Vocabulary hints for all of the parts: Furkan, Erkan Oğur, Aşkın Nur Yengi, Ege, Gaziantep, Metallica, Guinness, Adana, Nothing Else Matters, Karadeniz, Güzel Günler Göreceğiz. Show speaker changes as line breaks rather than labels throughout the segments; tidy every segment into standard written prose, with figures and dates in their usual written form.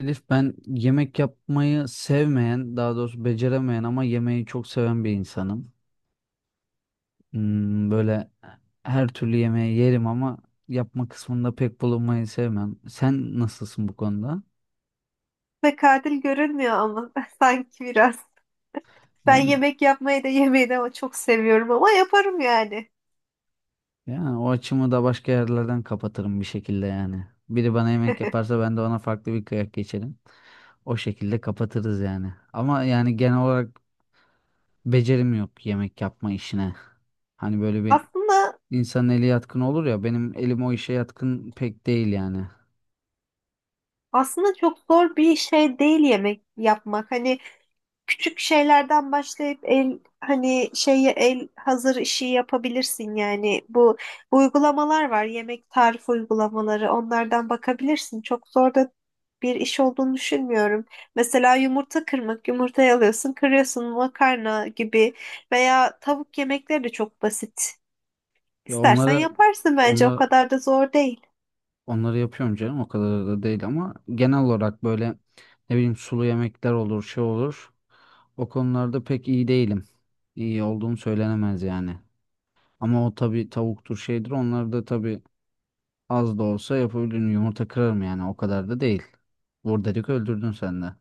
Elif ben yemek yapmayı sevmeyen, daha doğrusu beceremeyen ama yemeği çok seven bir insanım. Böyle her türlü yemeği yerim ama yapma kısmında pek bulunmayı sevmem. Sen nasılsın bu konuda?
Ve katil görünmüyor ama sanki biraz. Ben
Yani
yemek yapmayı da yemeyi de ama çok seviyorum ama yaparım yani.
yani o açımı da başka yerlerden kapatırım bir şekilde yani. Biri bana yemek yaparsa ben de ona farklı bir kıyak geçerim. O şekilde kapatırız yani. Ama yani genel olarak becerim yok yemek yapma işine. Hani böyle bir
Aslında
İnsanın eli yatkın olur ya, benim elim o işe yatkın pek değil yani.
aslında çok zor bir şey değil yemek yapmak. Hani küçük şeylerden başlayıp el hani şeyi el hazır işi yapabilirsin yani bu uygulamalar var yemek tarif uygulamaları onlardan bakabilirsin çok zor da bir iş olduğunu düşünmüyorum. Mesela yumurta kırmak, yumurtayı alıyorsun, kırıyorsun makarna gibi veya tavuk yemekleri de çok basit.
Ya
İstersen yaparsın bence o
onları
kadar da zor değil.
onları yapıyorum canım, o kadar da değil ama genel olarak böyle, ne bileyim, sulu yemekler olur, şey olur. O konularda pek iyi değilim. İyi olduğum söylenemez yani. Ama o tabii tavuktur şeydir, onları da tabii az da olsa yapabilirim, yumurta kırarım yani, o kadar da değil. Vur dedik öldürdün sen de.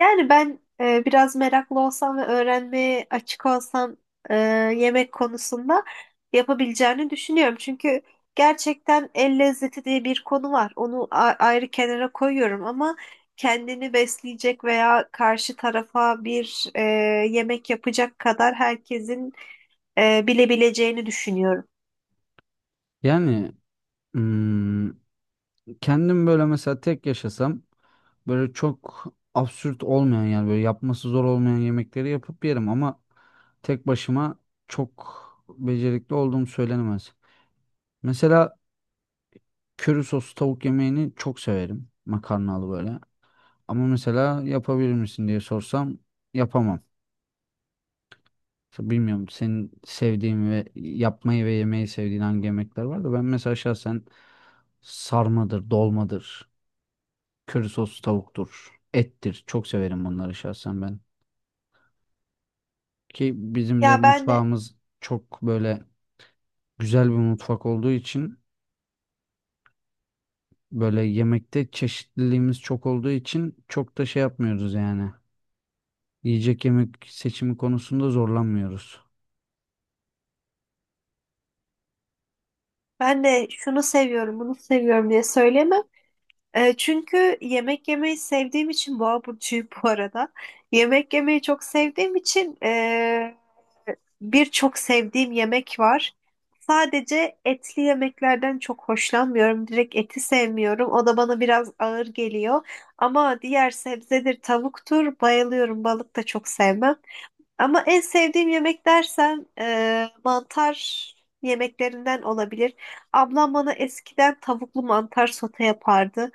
Yani ben biraz meraklı olsam ve öğrenmeye açık olsam e, yemek konusunda yapabileceğini düşünüyorum. Çünkü gerçekten el lezzeti diye bir konu var. Onu ayrı kenara koyuyorum ama kendini besleyecek veya karşı tarafa bir yemek yapacak kadar herkesin bilebileceğini düşünüyorum.
Yani hmm, kendim böyle mesela tek yaşasam, böyle çok absürt olmayan, yani böyle yapması zor olmayan yemekleri yapıp yerim ama tek başıma çok becerikli olduğum söylenemez. Mesela köri soslu tavuk yemeğini çok severim. Makarnalı böyle. Ama mesela yapabilir misin diye sorsam yapamam. İşte bilmiyorum senin sevdiğin ve yapmayı ve yemeyi sevdiğin hangi yemekler var da, ben mesela şahsen sarmadır, dolmadır. Köri soslu tavuktur. Ettir. Çok severim bunları şahsen ben. Ki bizim de
Ya ben de
mutfağımız çok böyle güzel bir mutfak olduğu için, böyle yemekte çeşitliliğimiz çok olduğu için çok da şey yapmıyoruz yani. Yiyecek yemek seçimi konusunda zorlanmıyoruz.
ben de şunu seviyorum, bunu seviyorum diye söyleyemem. E, çünkü yemek yemeyi sevdiğim için boğa burcuyum bu arada. Yemek yemeyi çok sevdiğim için birçok sevdiğim yemek var. Sadece etli yemeklerden çok hoşlanmıyorum. Direkt eti sevmiyorum. O da bana biraz ağır geliyor. Ama diğer sebzedir, tavuktur bayılıyorum. Balık da çok sevmem. Ama en sevdiğim yemek dersen mantar yemeklerinden olabilir. Ablam bana eskiden tavuklu mantar sote yapardı.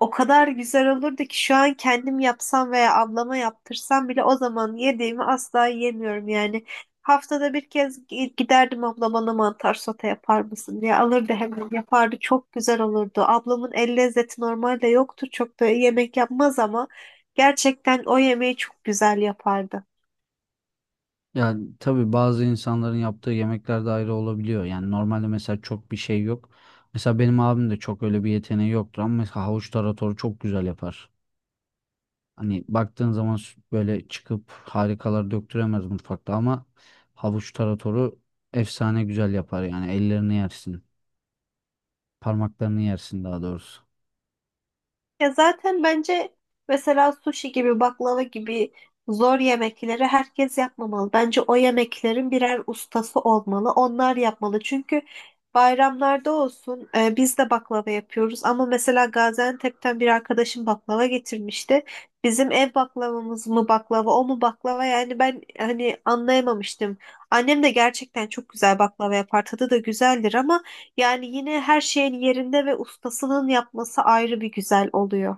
O kadar güzel olurdu ki şu an kendim yapsam veya ablama yaptırsam bile o zaman yediğimi asla yiyemiyorum yani. Haftada bir kez giderdim abla bana mantar sote yapar mısın diye alırdı hemen yapardı çok güzel olurdu. Ablamın el lezzeti normalde yoktur çok da yemek yapmaz ama gerçekten o yemeği çok güzel yapardı.
Yani tabii bazı insanların yaptığı yemekler de ayrı olabiliyor. Yani normalde mesela çok bir şey yok. Mesela benim abim de çok öyle bir yeteneği yoktur ama mesela havuç taratoru çok güzel yapar. Hani baktığın zaman böyle çıkıp harikalar döktüremez mutfakta ama havuç taratoru efsane güzel yapar yani, ellerini yersin. Parmaklarını yersin daha doğrusu.
Ya zaten bence mesela sushi gibi baklava gibi zor yemekleri herkes yapmamalı. Bence o yemeklerin birer ustası olmalı. Onlar yapmalı. Çünkü bayramlarda olsun biz de baklava yapıyoruz. Ama mesela Gaziantep'ten bir arkadaşım baklava getirmişti. Bizim ev baklavamız mı baklava o mu baklava yani ben hani anlayamamıştım. Annem de gerçekten çok güzel baklava yapar. Tadı da güzeldir ama yani yine her şeyin yerinde ve ustasının yapması ayrı bir güzel oluyor.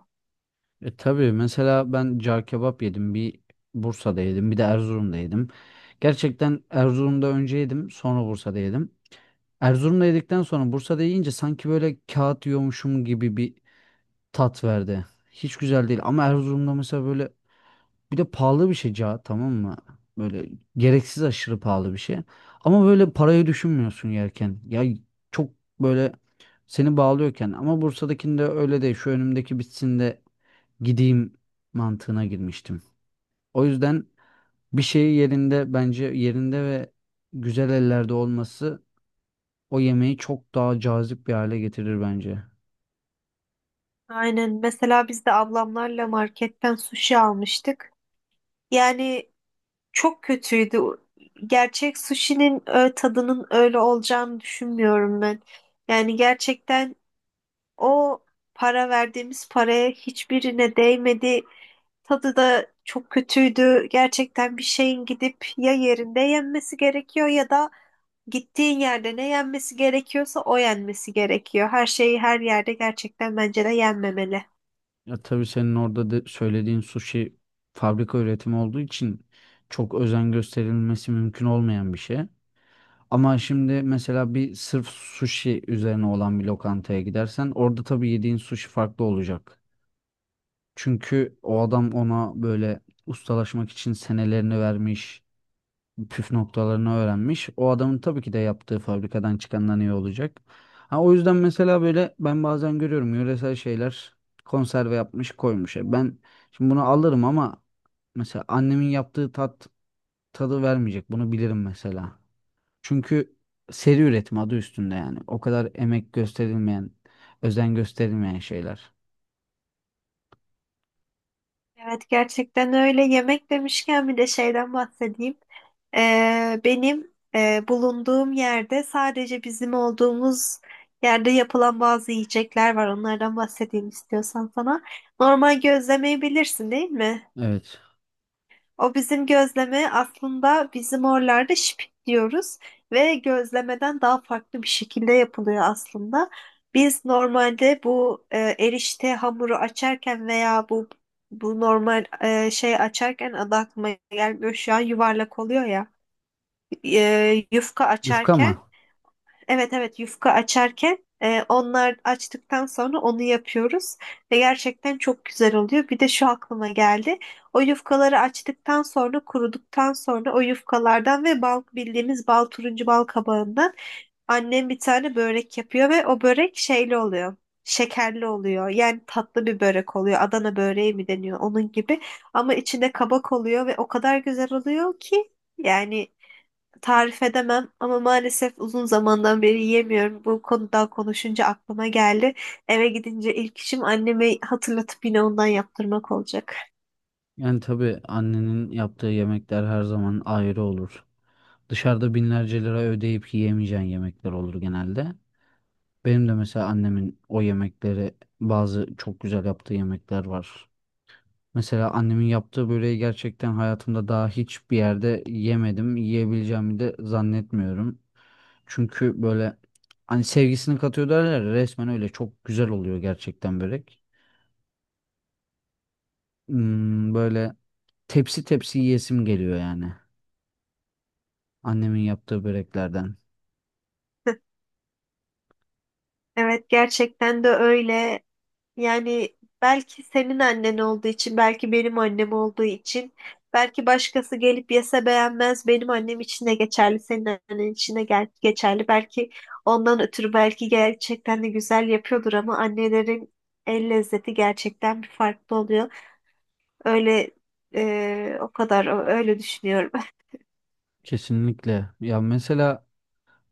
E tabii mesela ben car kebap yedim. Bursa'da yedim. Bir de Erzurum'da yedim. Gerçekten Erzurum'da önce yedim. Sonra Bursa'da yedim. Erzurum'da yedikten sonra Bursa'da yiyince sanki böyle kağıt yiyormuşum gibi bir tat verdi. Hiç güzel değil. Ama Erzurum'da mesela böyle... Bir de pahalı bir şey ca, tamam mı? Böyle gereksiz, aşırı pahalı bir şey. Ama böyle parayı düşünmüyorsun yerken. Ya çok böyle seni bağlıyorken. Ama Bursa'dakinde öyle değil. Şu önümdeki bitsin de gideyim mantığına girmiştim. O yüzden bir şeyi yerinde, bence yerinde ve güzel ellerde olması o yemeği çok daha cazip bir hale getirir bence.
Aynen. Mesela biz de ablamlarla marketten sushi almıştık. Yani çok kötüydü. Gerçek sushi'nin tadının öyle olacağını düşünmüyorum ben. Yani gerçekten o para verdiğimiz paraya hiçbirine değmedi. Tadı da çok kötüydü. Gerçekten bir şeyin gidip ya yerinde yenmesi gerekiyor ya da gittiğin yerde ne yenmesi gerekiyorsa o yenmesi gerekiyor. Her şeyi her yerde gerçekten bence de yenmemeli.
Ya tabii senin orada de söylediğin sushi fabrika üretimi olduğu için çok özen gösterilmesi mümkün olmayan bir şey. Ama şimdi mesela bir sırf sushi üzerine olan bir lokantaya gidersen, orada tabii yediğin sushi farklı olacak. Çünkü o adam ona böyle ustalaşmak için senelerini vermiş, püf noktalarını öğrenmiş. O adamın tabii ki de yaptığı fabrikadan çıkandan iyi olacak. Ha, o yüzden mesela böyle ben bazen görüyorum, yöresel şeyler konserve yapmış, koymuş. E ben şimdi bunu alırım ama mesela annemin yaptığı tadı vermeyecek. Bunu bilirim mesela. Çünkü seri üretim, adı üstünde yani. O kadar emek gösterilmeyen, özen gösterilmeyen şeyler.
Evet gerçekten öyle. Yemek demişken bir de şeyden bahsedeyim. Benim bulunduğum yerde sadece bizim olduğumuz yerde yapılan bazı yiyecekler var. Onlardan bahsedeyim istiyorsan sana. Normal gözlemeyi bilirsin değil mi?
Evet.
O bizim gözleme aslında bizim oralarda şipik diyoruz ve gözlemeden daha farklı bir şekilde yapılıyor aslında. Biz normalde bu erişte hamuru açarken veya bu normal şey açarken adı aklıma gelmiyor şu an yuvarlak oluyor ya yufka
Yufka
açarken.
mı?
Evet, yufka açarken onlar açtıktan sonra onu yapıyoruz ve gerçekten çok güzel oluyor. Bir de şu aklıma geldi. O yufkaları açtıktan sonra kuruduktan sonra o yufkalardan ve bal bildiğimiz bal turuncu bal kabağından annem bir tane börek yapıyor ve o börek şeyli oluyor. Şekerli oluyor. Yani tatlı bir börek oluyor. Adana böreği mi deniyor onun gibi. Ama içinde kabak oluyor ve o kadar güzel oluyor ki yani tarif edemem ama maalesef uzun zamandan beri yiyemiyorum. Bu konuda konuşunca aklıma geldi. Eve gidince ilk işim anneme hatırlatıp yine ondan yaptırmak olacak.
Yani tabii annenin yaptığı yemekler her zaman ayrı olur. Dışarıda binlerce lira ödeyip yiyemeyeceğin yemekler olur genelde. Benim de mesela annemin o yemekleri, bazı çok güzel yaptığı yemekler var. Mesela annemin yaptığı böreği gerçekten hayatımda daha hiçbir yerde yemedim. Yiyebileceğimi de zannetmiyorum. Çünkü böyle, hani sevgisini katıyor derler ya, resmen öyle çok güzel oluyor gerçekten börek. Böyle tepsi tepsi yiyesim geliyor yani, annemin yaptığı böreklerden.
Evet gerçekten de öyle. Yani belki senin annen olduğu için, belki benim annem olduğu için, belki başkası gelip yese beğenmez. Benim annem için de geçerli, senin annen için de geçerli. Belki ondan ötürü belki gerçekten de güzel yapıyordur ama annelerin el lezzeti gerçekten bir farklı oluyor. Öyle o kadar öyle düşünüyorum.
Kesinlikle. Ya mesela,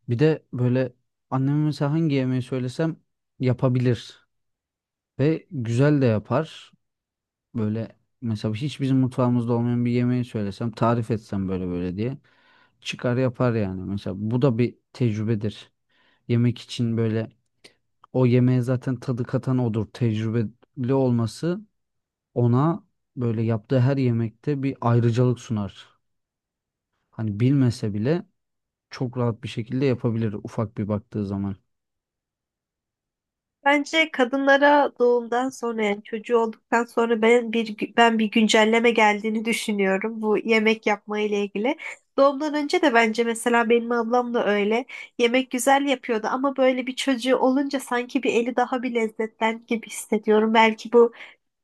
bir de böyle anneme mesela hangi yemeği söylesem yapabilir ve güzel de yapar. Böyle mesela hiç bizim mutfağımızda olmayan bir yemeği söylesem, tarif etsem böyle böyle diye, çıkar yapar yani. Mesela bu da bir tecrübedir. Yemek için böyle, o yemeğe zaten tadı katan odur. Tecrübeli olması ona böyle yaptığı her yemekte bir ayrıcalık sunar. Hani bilmese bile çok rahat bir şekilde yapabilir ufak bir baktığı zaman.
Bence kadınlara doğumdan sonra yani çocuğu olduktan sonra ben bir güncelleme geldiğini düşünüyorum bu yemek yapma ile ilgili. Doğumdan önce de bence mesela benim ablam da öyle yemek güzel yapıyordu ama böyle bir çocuğu olunca sanki bir eli daha bir lezzetlen gibi hissediyorum. Belki bu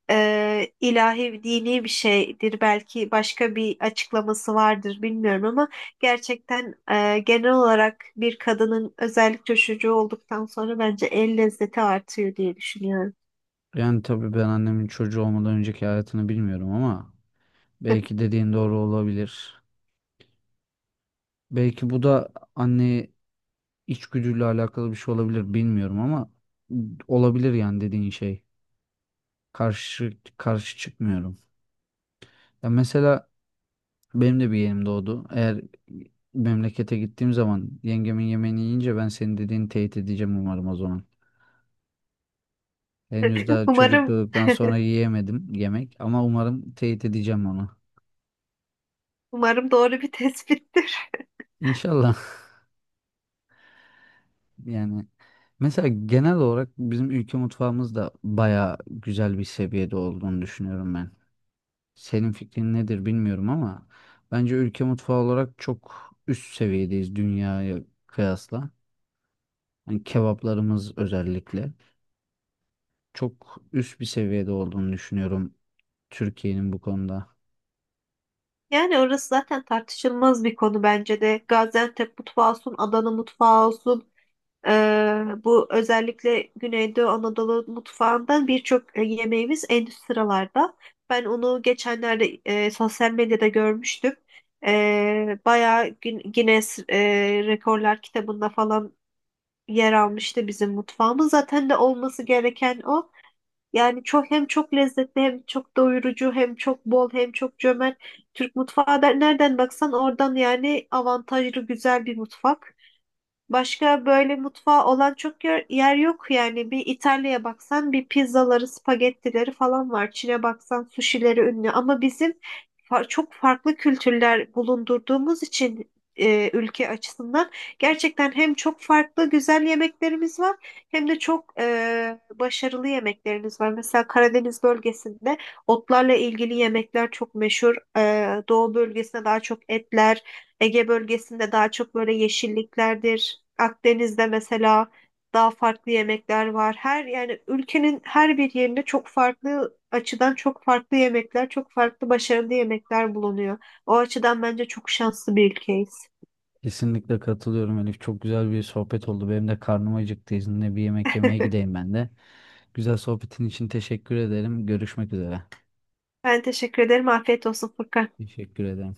ilahi dini bir şeydir belki başka bir açıklaması vardır bilmiyorum ama gerçekten genel olarak bir kadının özellikle çocuğu olduktan sonra bence el lezzeti artıyor diye düşünüyorum.
Yani tabii ben annemin çocuğu olmadan önceki hayatını bilmiyorum ama belki dediğin doğru olabilir. Belki bu da anne içgüdüyle alakalı bir şey olabilir, bilmiyorum ama olabilir yani dediğin şey. Karşı çıkmıyorum. Ya mesela benim de bir yeğenim doğdu. Eğer memlekete gittiğim zaman yengemin yemeğini yiyince ben senin dediğini teyit edeceğim umarım o zaman. Henüz daha çocuk
Umarım
doğduktan sonra yiyemedim yemek ama umarım teyit edeceğim onu.
umarım doğru bir tespittir.
İnşallah. Yani mesela genel olarak bizim ülke mutfağımız da baya güzel bir seviyede olduğunu düşünüyorum ben. Senin fikrin nedir bilmiyorum ama bence ülke mutfağı olarak çok üst seviyedeyiz dünyaya kıyasla. Hani kebaplarımız özellikle çok üst bir seviyede olduğunu düşünüyorum Türkiye'nin bu konuda.
Yani orası zaten tartışılmaz bir konu bence de. Gaziantep mutfağı olsun, Adana mutfağı olsun. Bu özellikle Güneydoğu Anadolu mutfağından birçok yemeğimiz en üst sıralarda. Ben onu geçenlerde sosyal medyada görmüştüm. Bayağı Guinness Rekorlar kitabında falan yer almıştı bizim mutfağımız. Zaten de olması gereken o. Yani çok hem çok lezzetli hem çok doyurucu hem çok bol hem çok cömert. Türk mutfağı da nereden baksan oradan yani avantajlı güzel bir mutfak. Başka böyle mutfağı olan çok yer yok yani. Bir İtalya'ya baksan bir pizzaları, spagettileri falan var. Çin'e baksan sushileri ünlü. Ama bizim çok farklı kültürler bulundurduğumuz için ülke açısından gerçekten hem çok farklı güzel yemeklerimiz var hem de çok başarılı yemeklerimiz var. Mesela Karadeniz bölgesinde otlarla ilgili yemekler çok meşhur. E, Doğu bölgesinde daha çok etler. Ege bölgesinde daha çok böyle yeşilliklerdir. Akdeniz'de mesela daha farklı yemekler var. Her yani ülkenin her bir yerinde çok farklı açıdan çok farklı yemekler, çok farklı başarılı yemekler bulunuyor. O açıdan bence çok şanslı bir ülkeyiz.
Kesinlikle katılıyorum Elif. Çok güzel bir sohbet oldu. Benim de karnım acıktı. İzninle bir yemek yemeye gideyim ben de. Güzel sohbetin için teşekkür ederim. Görüşmek üzere.
Ben teşekkür ederim. Afiyet olsun Furkan.
Teşekkür ederim.